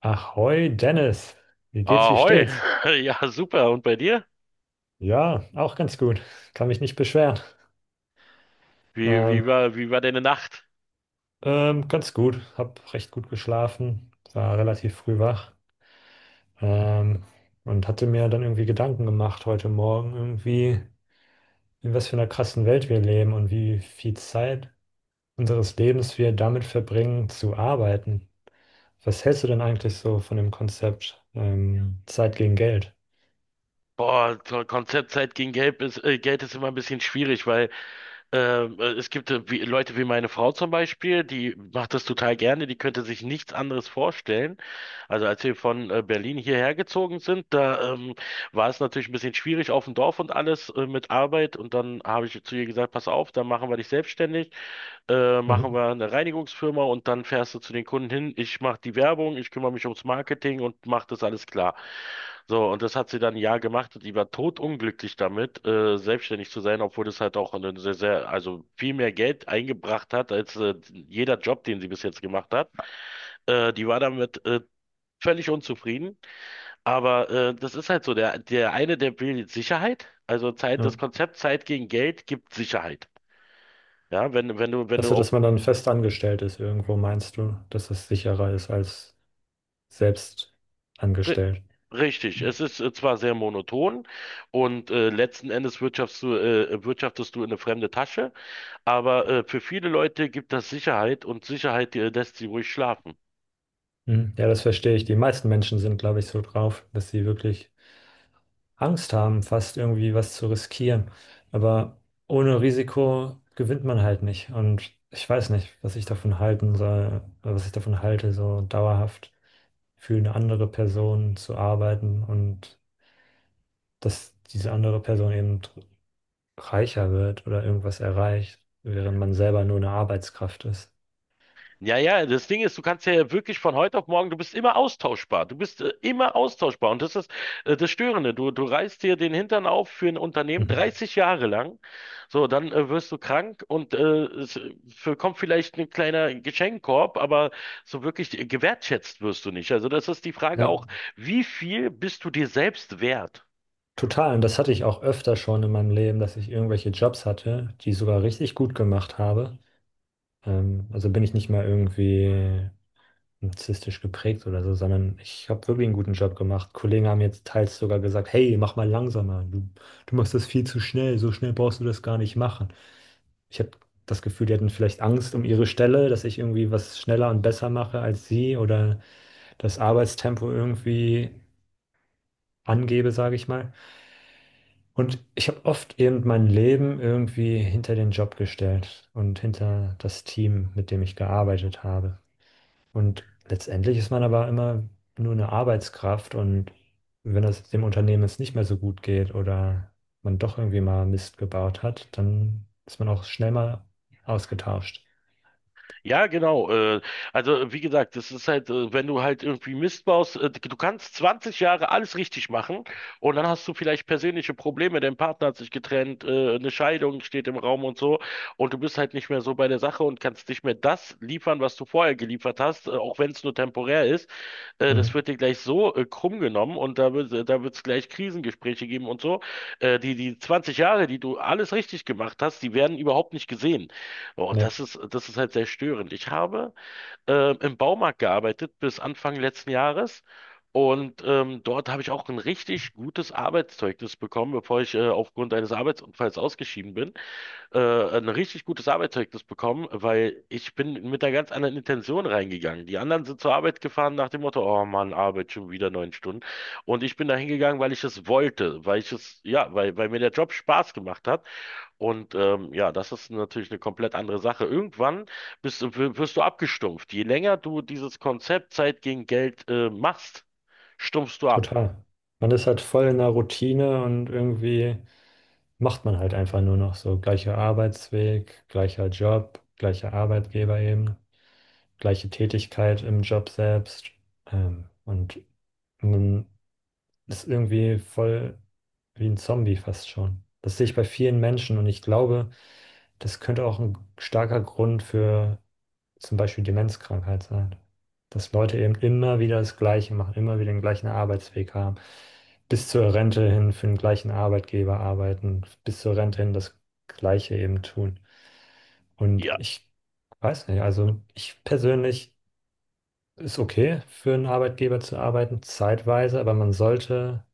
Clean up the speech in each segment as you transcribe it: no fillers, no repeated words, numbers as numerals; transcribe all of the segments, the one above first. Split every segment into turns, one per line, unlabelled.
Ahoi Dennis, wie geht's, wie
Ahoi.
steht's?
Ja, super. Und bei dir?
Ja, auch ganz gut. Kann mich nicht beschweren.
Wie, wie
Ähm,
war, wie war deine Nacht?
ganz gut. Hab recht gut geschlafen, war relativ früh wach ähm, und hatte mir dann irgendwie Gedanken gemacht heute Morgen irgendwie, in was für einer krassen Welt wir leben und wie viel Zeit unseres Lebens wir damit verbringen, zu arbeiten. Was hältst du denn eigentlich so von dem Konzept Zeit gegen Geld?
Boah, zur Konzeptzeit gegen Geld ist immer ein bisschen schwierig, weil es gibt Leute wie meine Frau zum Beispiel, die macht das total gerne, die könnte sich nichts anderes vorstellen. Also als wir von Berlin hierher gezogen sind, da war es natürlich ein bisschen schwierig auf dem Dorf und alles mit Arbeit. Und dann habe ich zu ihr gesagt, pass auf, dann machen wir dich selbstständig. Machen
Mhm.
wir eine Reinigungsfirma und dann fährst du zu den Kunden hin. Ich mache die Werbung, ich kümmere mich ums Marketing und mache das alles klar. So, und das hat sie dann ein Jahr gemacht und die war totunglücklich damit, selbstständig zu sein, obwohl das halt auch eine sehr, sehr, also viel mehr Geld eingebracht hat als jeder Job, den sie bis jetzt gemacht hat. Die war damit völlig unzufrieden. Aber das ist halt so, der eine, der will Sicherheit. Also Zeit, das
Ja.
Konzept Zeit gegen Geld gibt Sicherheit. Ja, wenn du
Also,
auf
dass man dann fest angestellt ist irgendwo, meinst du, dass es sicherer ist als selbst
Ri-
angestellt?
Richtig, es ist zwar sehr monoton und letzten Endes wirtschaftest du in eine fremde Tasche, aber für viele Leute gibt das Sicherheit und Sicherheit lässt sie ruhig schlafen.
Hm. Ja, das verstehe ich. Die meisten Menschen sind, glaube ich, so drauf, dass sie wirklich Angst haben, fast irgendwie was zu riskieren. Aber ohne Risiko gewinnt man halt nicht. Und ich weiß nicht, was ich davon halten soll, was ich davon halte, so dauerhaft für eine andere Person zu arbeiten und dass diese andere Person eben reicher wird oder irgendwas erreicht, während man selber nur eine Arbeitskraft ist.
Ja, ja, das Ding ist, du kannst ja wirklich von heute auf morgen, du bist immer austauschbar. Du bist immer austauschbar. Und das ist das Störende. Du reißt dir den Hintern auf für ein Unternehmen
Mhm.
30 Jahre lang. So, dann wirst du krank und es für, kommt vielleicht ein kleiner Geschenkkorb, aber so wirklich gewertschätzt wirst du nicht. Also das ist die Frage
Ja,
auch, wie viel bist du dir selbst wert?
total. Und das hatte ich auch öfter schon in meinem Leben, dass ich irgendwelche Jobs hatte, die ich sogar richtig gut gemacht habe. Also bin ich nicht mal irgendwie narzisstisch geprägt oder so, sondern ich habe wirklich einen guten Job gemacht. Kollegen haben jetzt teils sogar gesagt, hey, mach mal langsamer, du machst das viel zu schnell, so schnell brauchst du das gar nicht machen. Ich habe das Gefühl, die hatten vielleicht Angst um ihre Stelle, dass ich irgendwie was schneller und besser mache als sie oder das Arbeitstempo irgendwie angebe, sage ich mal. Und ich habe oft eben mein Leben irgendwie hinter den Job gestellt und hinter das Team, mit dem ich gearbeitet habe. Und letztendlich ist man aber immer nur eine Arbeitskraft und wenn das dem Unternehmen jetzt nicht mehr so gut geht oder man doch irgendwie mal Mist gebaut hat, dann ist man auch schnell mal ausgetauscht.
Ja, genau. Also wie gesagt, das ist halt, wenn du halt irgendwie Mist baust, du kannst 20 Jahre alles richtig machen und dann hast du vielleicht persönliche Probleme, dein Partner hat sich getrennt, eine Scheidung steht im Raum und so und du bist halt nicht mehr so bei der Sache und kannst nicht mehr das liefern, was du vorher geliefert hast, auch wenn es nur temporär ist. Das
Mhm.
wird dir gleich so krumm genommen und da wird es gleich Krisengespräche geben und so. Die 20 Jahre, die du alles richtig gemacht hast, die werden überhaupt nicht gesehen. Boah, und
Ne,
das ist halt sehr störend. Ich habe im Baumarkt gearbeitet bis Anfang letzten Jahres und dort habe ich auch ein richtig gutes Arbeitszeugnis bekommen, bevor ich aufgrund eines Arbeitsunfalls ausgeschieden bin. Ein richtig gutes Arbeitszeugnis bekommen, weil ich bin mit einer ganz anderen Intention reingegangen. Die anderen sind zur Arbeit gefahren nach dem Motto, oh Mann, Arbeit schon wieder 9 Stunden. Und ich bin da hingegangen, weil ich es wollte, weil ich es, weil mir der Job Spaß gemacht hat. Und ja, das ist natürlich eine komplett andere Sache. Irgendwann wirst du abgestumpft. Je länger du dieses Konzept Zeit gegen Geld machst, stumpfst du ab.
total. Man ist halt voll in der Routine und irgendwie macht man halt einfach nur noch so gleicher Arbeitsweg, gleicher Job, gleicher Arbeitgeber eben, gleiche Tätigkeit im Job selbst. Und man ist irgendwie voll wie ein Zombie fast schon. Das sehe ich bei vielen Menschen und ich glaube, das könnte auch ein starker Grund für zum Beispiel Demenzkrankheit sein. Dass Leute eben immer wieder das Gleiche machen, immer wieder den gleichen Arbeitsweg haben, bis zur Rente hin für den gleichen Arbeitgeber arbeiten, bis zur Rente hin das Gleiche eben tun. Und
Ja.
ich weiß nicht, also ich persönlich ist okay, für einen Arbeitgeber zu arbeiten, zeitweise, aber man sollte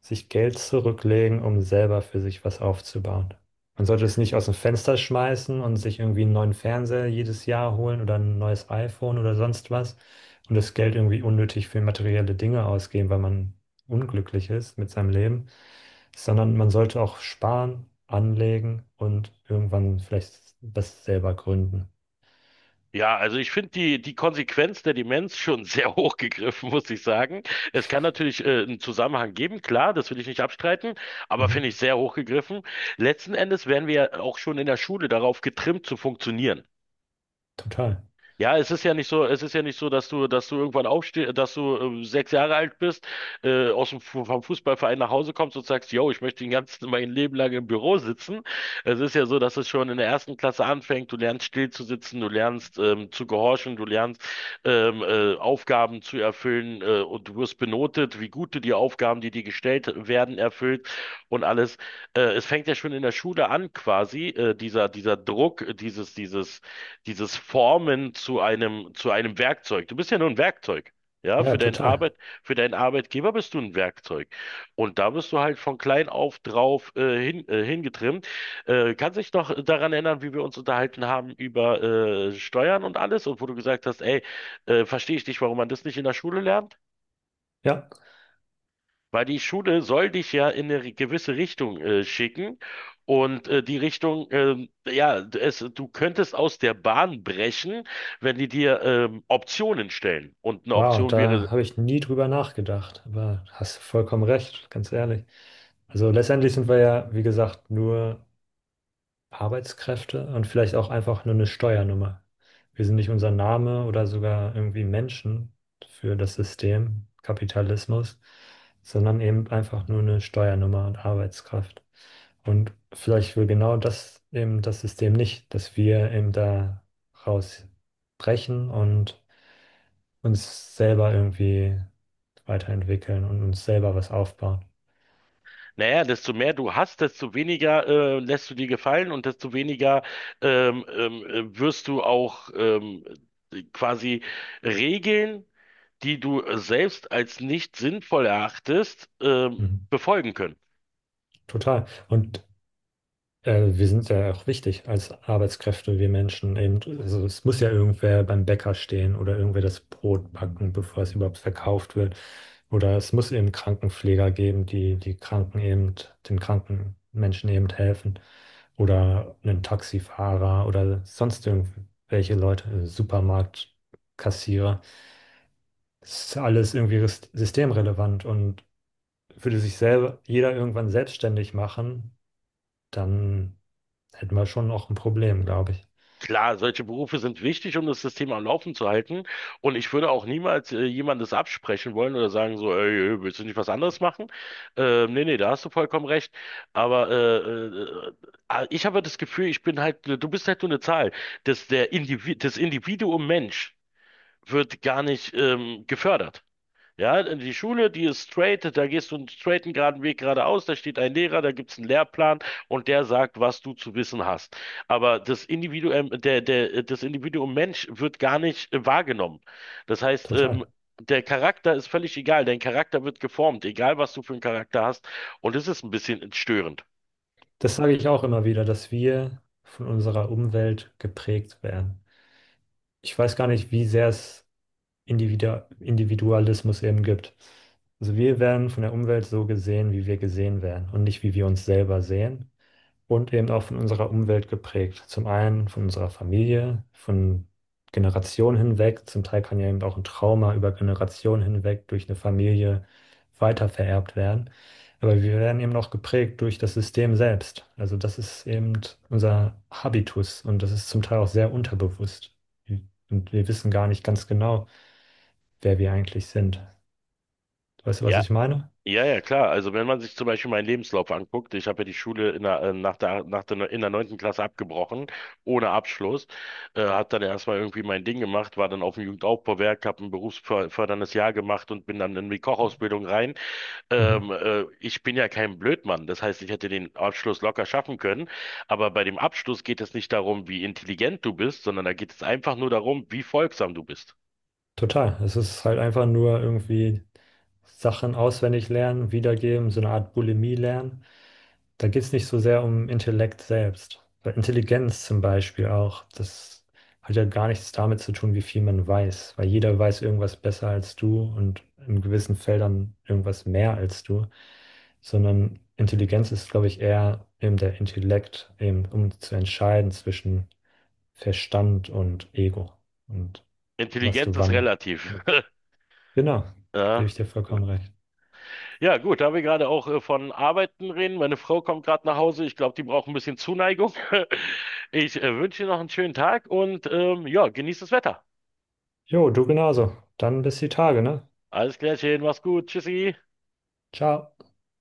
sich Geld zurücklegen, um selber für sich was aufzubauen. Man sollte es nicht aus dem Fenster schmeißen und sich irgendwie einen neuen Fernseher jedes Jahr holen oder ein neues iPhone oder sonst was und das Geld irgendwie unnötig für materielle Dinge ausgeben, weil man unglücklich ist mit seinem Leben, sondern man sollte auch sparen, anlegen und irgendwann vielleicht was selber gründen.
Ja, also ich finde die Konsequenz der Demenz schon sehr hoch gegriffen, muss ich sagen. Es kann natürlich einen Zusammenhang geben, klar, das will ich nicht abstreiten, aber finde ich
Mhm.
sehr hoch gegriffen. Letzten Endes werden wir ja auch schon in der Schule darauf getrimmt zu funktionieren.
Total.
Ja, es ist ja nicht so, dass du irgendwann aufstehst, dass du 6 Jahre alt bist, vom Fußballverein nach Hause kommst und sagst, yo, ich möchte den ganzen, mein Leben lang im Büro sitzen. Es ist ja so, dass es schon in der ersten Klasse anfängt. Du lernst still zu sitzen, du lernst zu gehorchen, du lernst Aufgaben zu erfüllen und du wirst benotet, wie gut du die Aufgaben, die dir gestellt werden, erfüllt und alles. Es fängt ja schon in der Schule an, quasi, dieser Druck, dieses Formen zu zu einem Werkzeug. Du bist ja nur ein Werkzeug. Ja,
Ja,
für deinen
total.
Arbeit, für deinen Arbeitgeber bist du ein Werkzeug. Und da bist du halt von klein auf drauf hingetrimmt. Kannst dich noch daran erinnern, wie wir uns unterhalten haben über Steuern und alles und wo du gesagt hast, ey, verstehe ich nicht, warum man das nicht in der Schule lernt?
Ja.
Weil die Schule soll dich ja in eine gewisse Richtung schicken und die Richtung, ja, es, du könntest aus der Bahn brechen, wenn die dir Optionen stellen. Und eine
Wow,
Option wäre,
da habe ich nie drüber nachgedacht, aber hast vollkommen recht, ganz ehrlich. Also letztendlich sind wir ja, wie gesagt, nur Arbeitskräfte und vielleicht auch einfach nur eine Steuernummer. Wir sind nicht unser Name oder sogar irgendwie Menschen für das System Kapitalismus, sondern eben einfach nur eine Steuernummer und Arbeitskraft. Und vielleicht will genau das eben das System nicht, dass wir eben da rausbrechen und uns selber irgendwie weiterentwickeln und uns selber was aufbauen.
naja, desto mehr du hast, desto weniger lässt du dir gefallen und desto weniger wirst du auch quasi Regeln, die du selbst als nicht sinnvoll erachtest,
Mhm.
befolgen können.
Total. Und wir sind ja auch wichtig als Arbeitskräfte, wir Menschen eben. Also es muss ja irgendwer beim Bäcker stehen oder irgendwer das Brot backen, bevor es überhaupt verkauft wird. Oder es muss eben Krankenpfleger geben, die die Kranken eben, den kranken Menschen eben helfen. Oder einen Taxifahrer oder sonst irgendwelche Leute, Supermarktkassierer. Das ist alles irgendwie systemrelevant und würde sich selber jeder irgendwann selbstständig machen dann hätten wir schon noch ein Problem, glaube ich.
Klar, solche Berufe sind wichtig, um das System am Laufen zu halten. Und ich würde auch niemals jemandes absprechen wollen oder sagen so, ey, ey, willst du nicht was anderes machen? Nee, nee, da hast du vollkommen recht. Aber äh, ich habe das Gefühl, ich bin halt, du bist halt nur eine Zahl. Der Individ, das Individuum Mensch wird gar nicht gefördert. Ja, in die Schule, die ist straight, da gehst du einen straighten geraden Weg geradeaus, da steht ein Lehrer, da gibt's einen Lehrplan und der sagt, was du zu wissen hast. Aber das Individuum, das Individuum Mensch wird gar nicht wahrgenommen. Das heißt,
Total.
der Charakter ist völlig egal, dein Charakter wird geformt, egal was du für einen Charakter hast. Und das ist ein bisschen störend.
Das sage ich auch immer wieder, dass wir von unserer Umwelt geprägt werden. Ich weiß gar nicht, wie sehr es Individualismus eben gibt. Also wir werden von der Umwelt so gesehen, wie wir gesehen werden und nicht, wie wir uns selber sehen. Und eben auch von unserer Umwelt geprägt. Zum einen von unserer Familie, von Generationen hinweg. Zum Teil kann ja eben auch ein Trauma über Generationen hinweg durch eine Familie weitervererbt werden. Aber wir werden eben auch geprägt durch das System selbst. Also das ist eben unser Habitus und das ist zum Teil auch sehr unterbewusst. Und wir wissen gar nicht ganz genau, wer wir eigentlich sind. Weißt du, was
Ja,
ich meine?
Ja, ja, klar. Also wenn man sich zum Beispiel meinen Lebenslauf anguckt, ich habe ja die Schule in nach der, in der neunten Klasse abgebrochen, ohne Abschluss, habe dann erstmal irgendwie mein Ding gemacht, war dann auf dem Jugendaufbauwerk, habe ein berufsförderndes Jahr gemacht und bin dann in die Kochausbildung rein.
Mhm.
Ich bin ja kein Blödmann, das heißt, ich hätte den Abschluss locker schaffen können, aber bei dem Abschluss geht es nicht darum, wie intelligent du bist, sondern da geht es einfach nur darum, wie folgsam du bist.
Total. Es ist halt einfach nur irgendwie Sachen auswendig lernen, wiedergeben, so eine Art Bulimie lernen. Da geht es nicht so sehr um Intellekt selbst. Bei Intelligenz zum Beispiel auch. Das hat ja gar nichts damit zu tun, wie viel man weiß, weil jeder weiß irgendwas besser als du und in gewissen Feldern irgendwas mehr als du, sondern Intelligenz ist, glaube ich, eher eben der Intellekt, eben um zu entscheiden zwischen Verstand und Ego und was
Intelligenz
du
ist
wann
relativ.
nutzt. Genau, gebe ich dir vollkommen
Ja.
recht.
Ja, gut, da wir gerade auch von Arbeiten reden. Meine Frau kommt gerade nach Hause. Ich glaube, die braucht ein bisschen Zuneigung. Ich wünsche dir noch einen schönen Tag und ja, genieß das Wetter.
Jo, du genauso. Dann bis die Tage, ne?
Alles Klärchen, mach's gut. Tschüssi.
Ciao.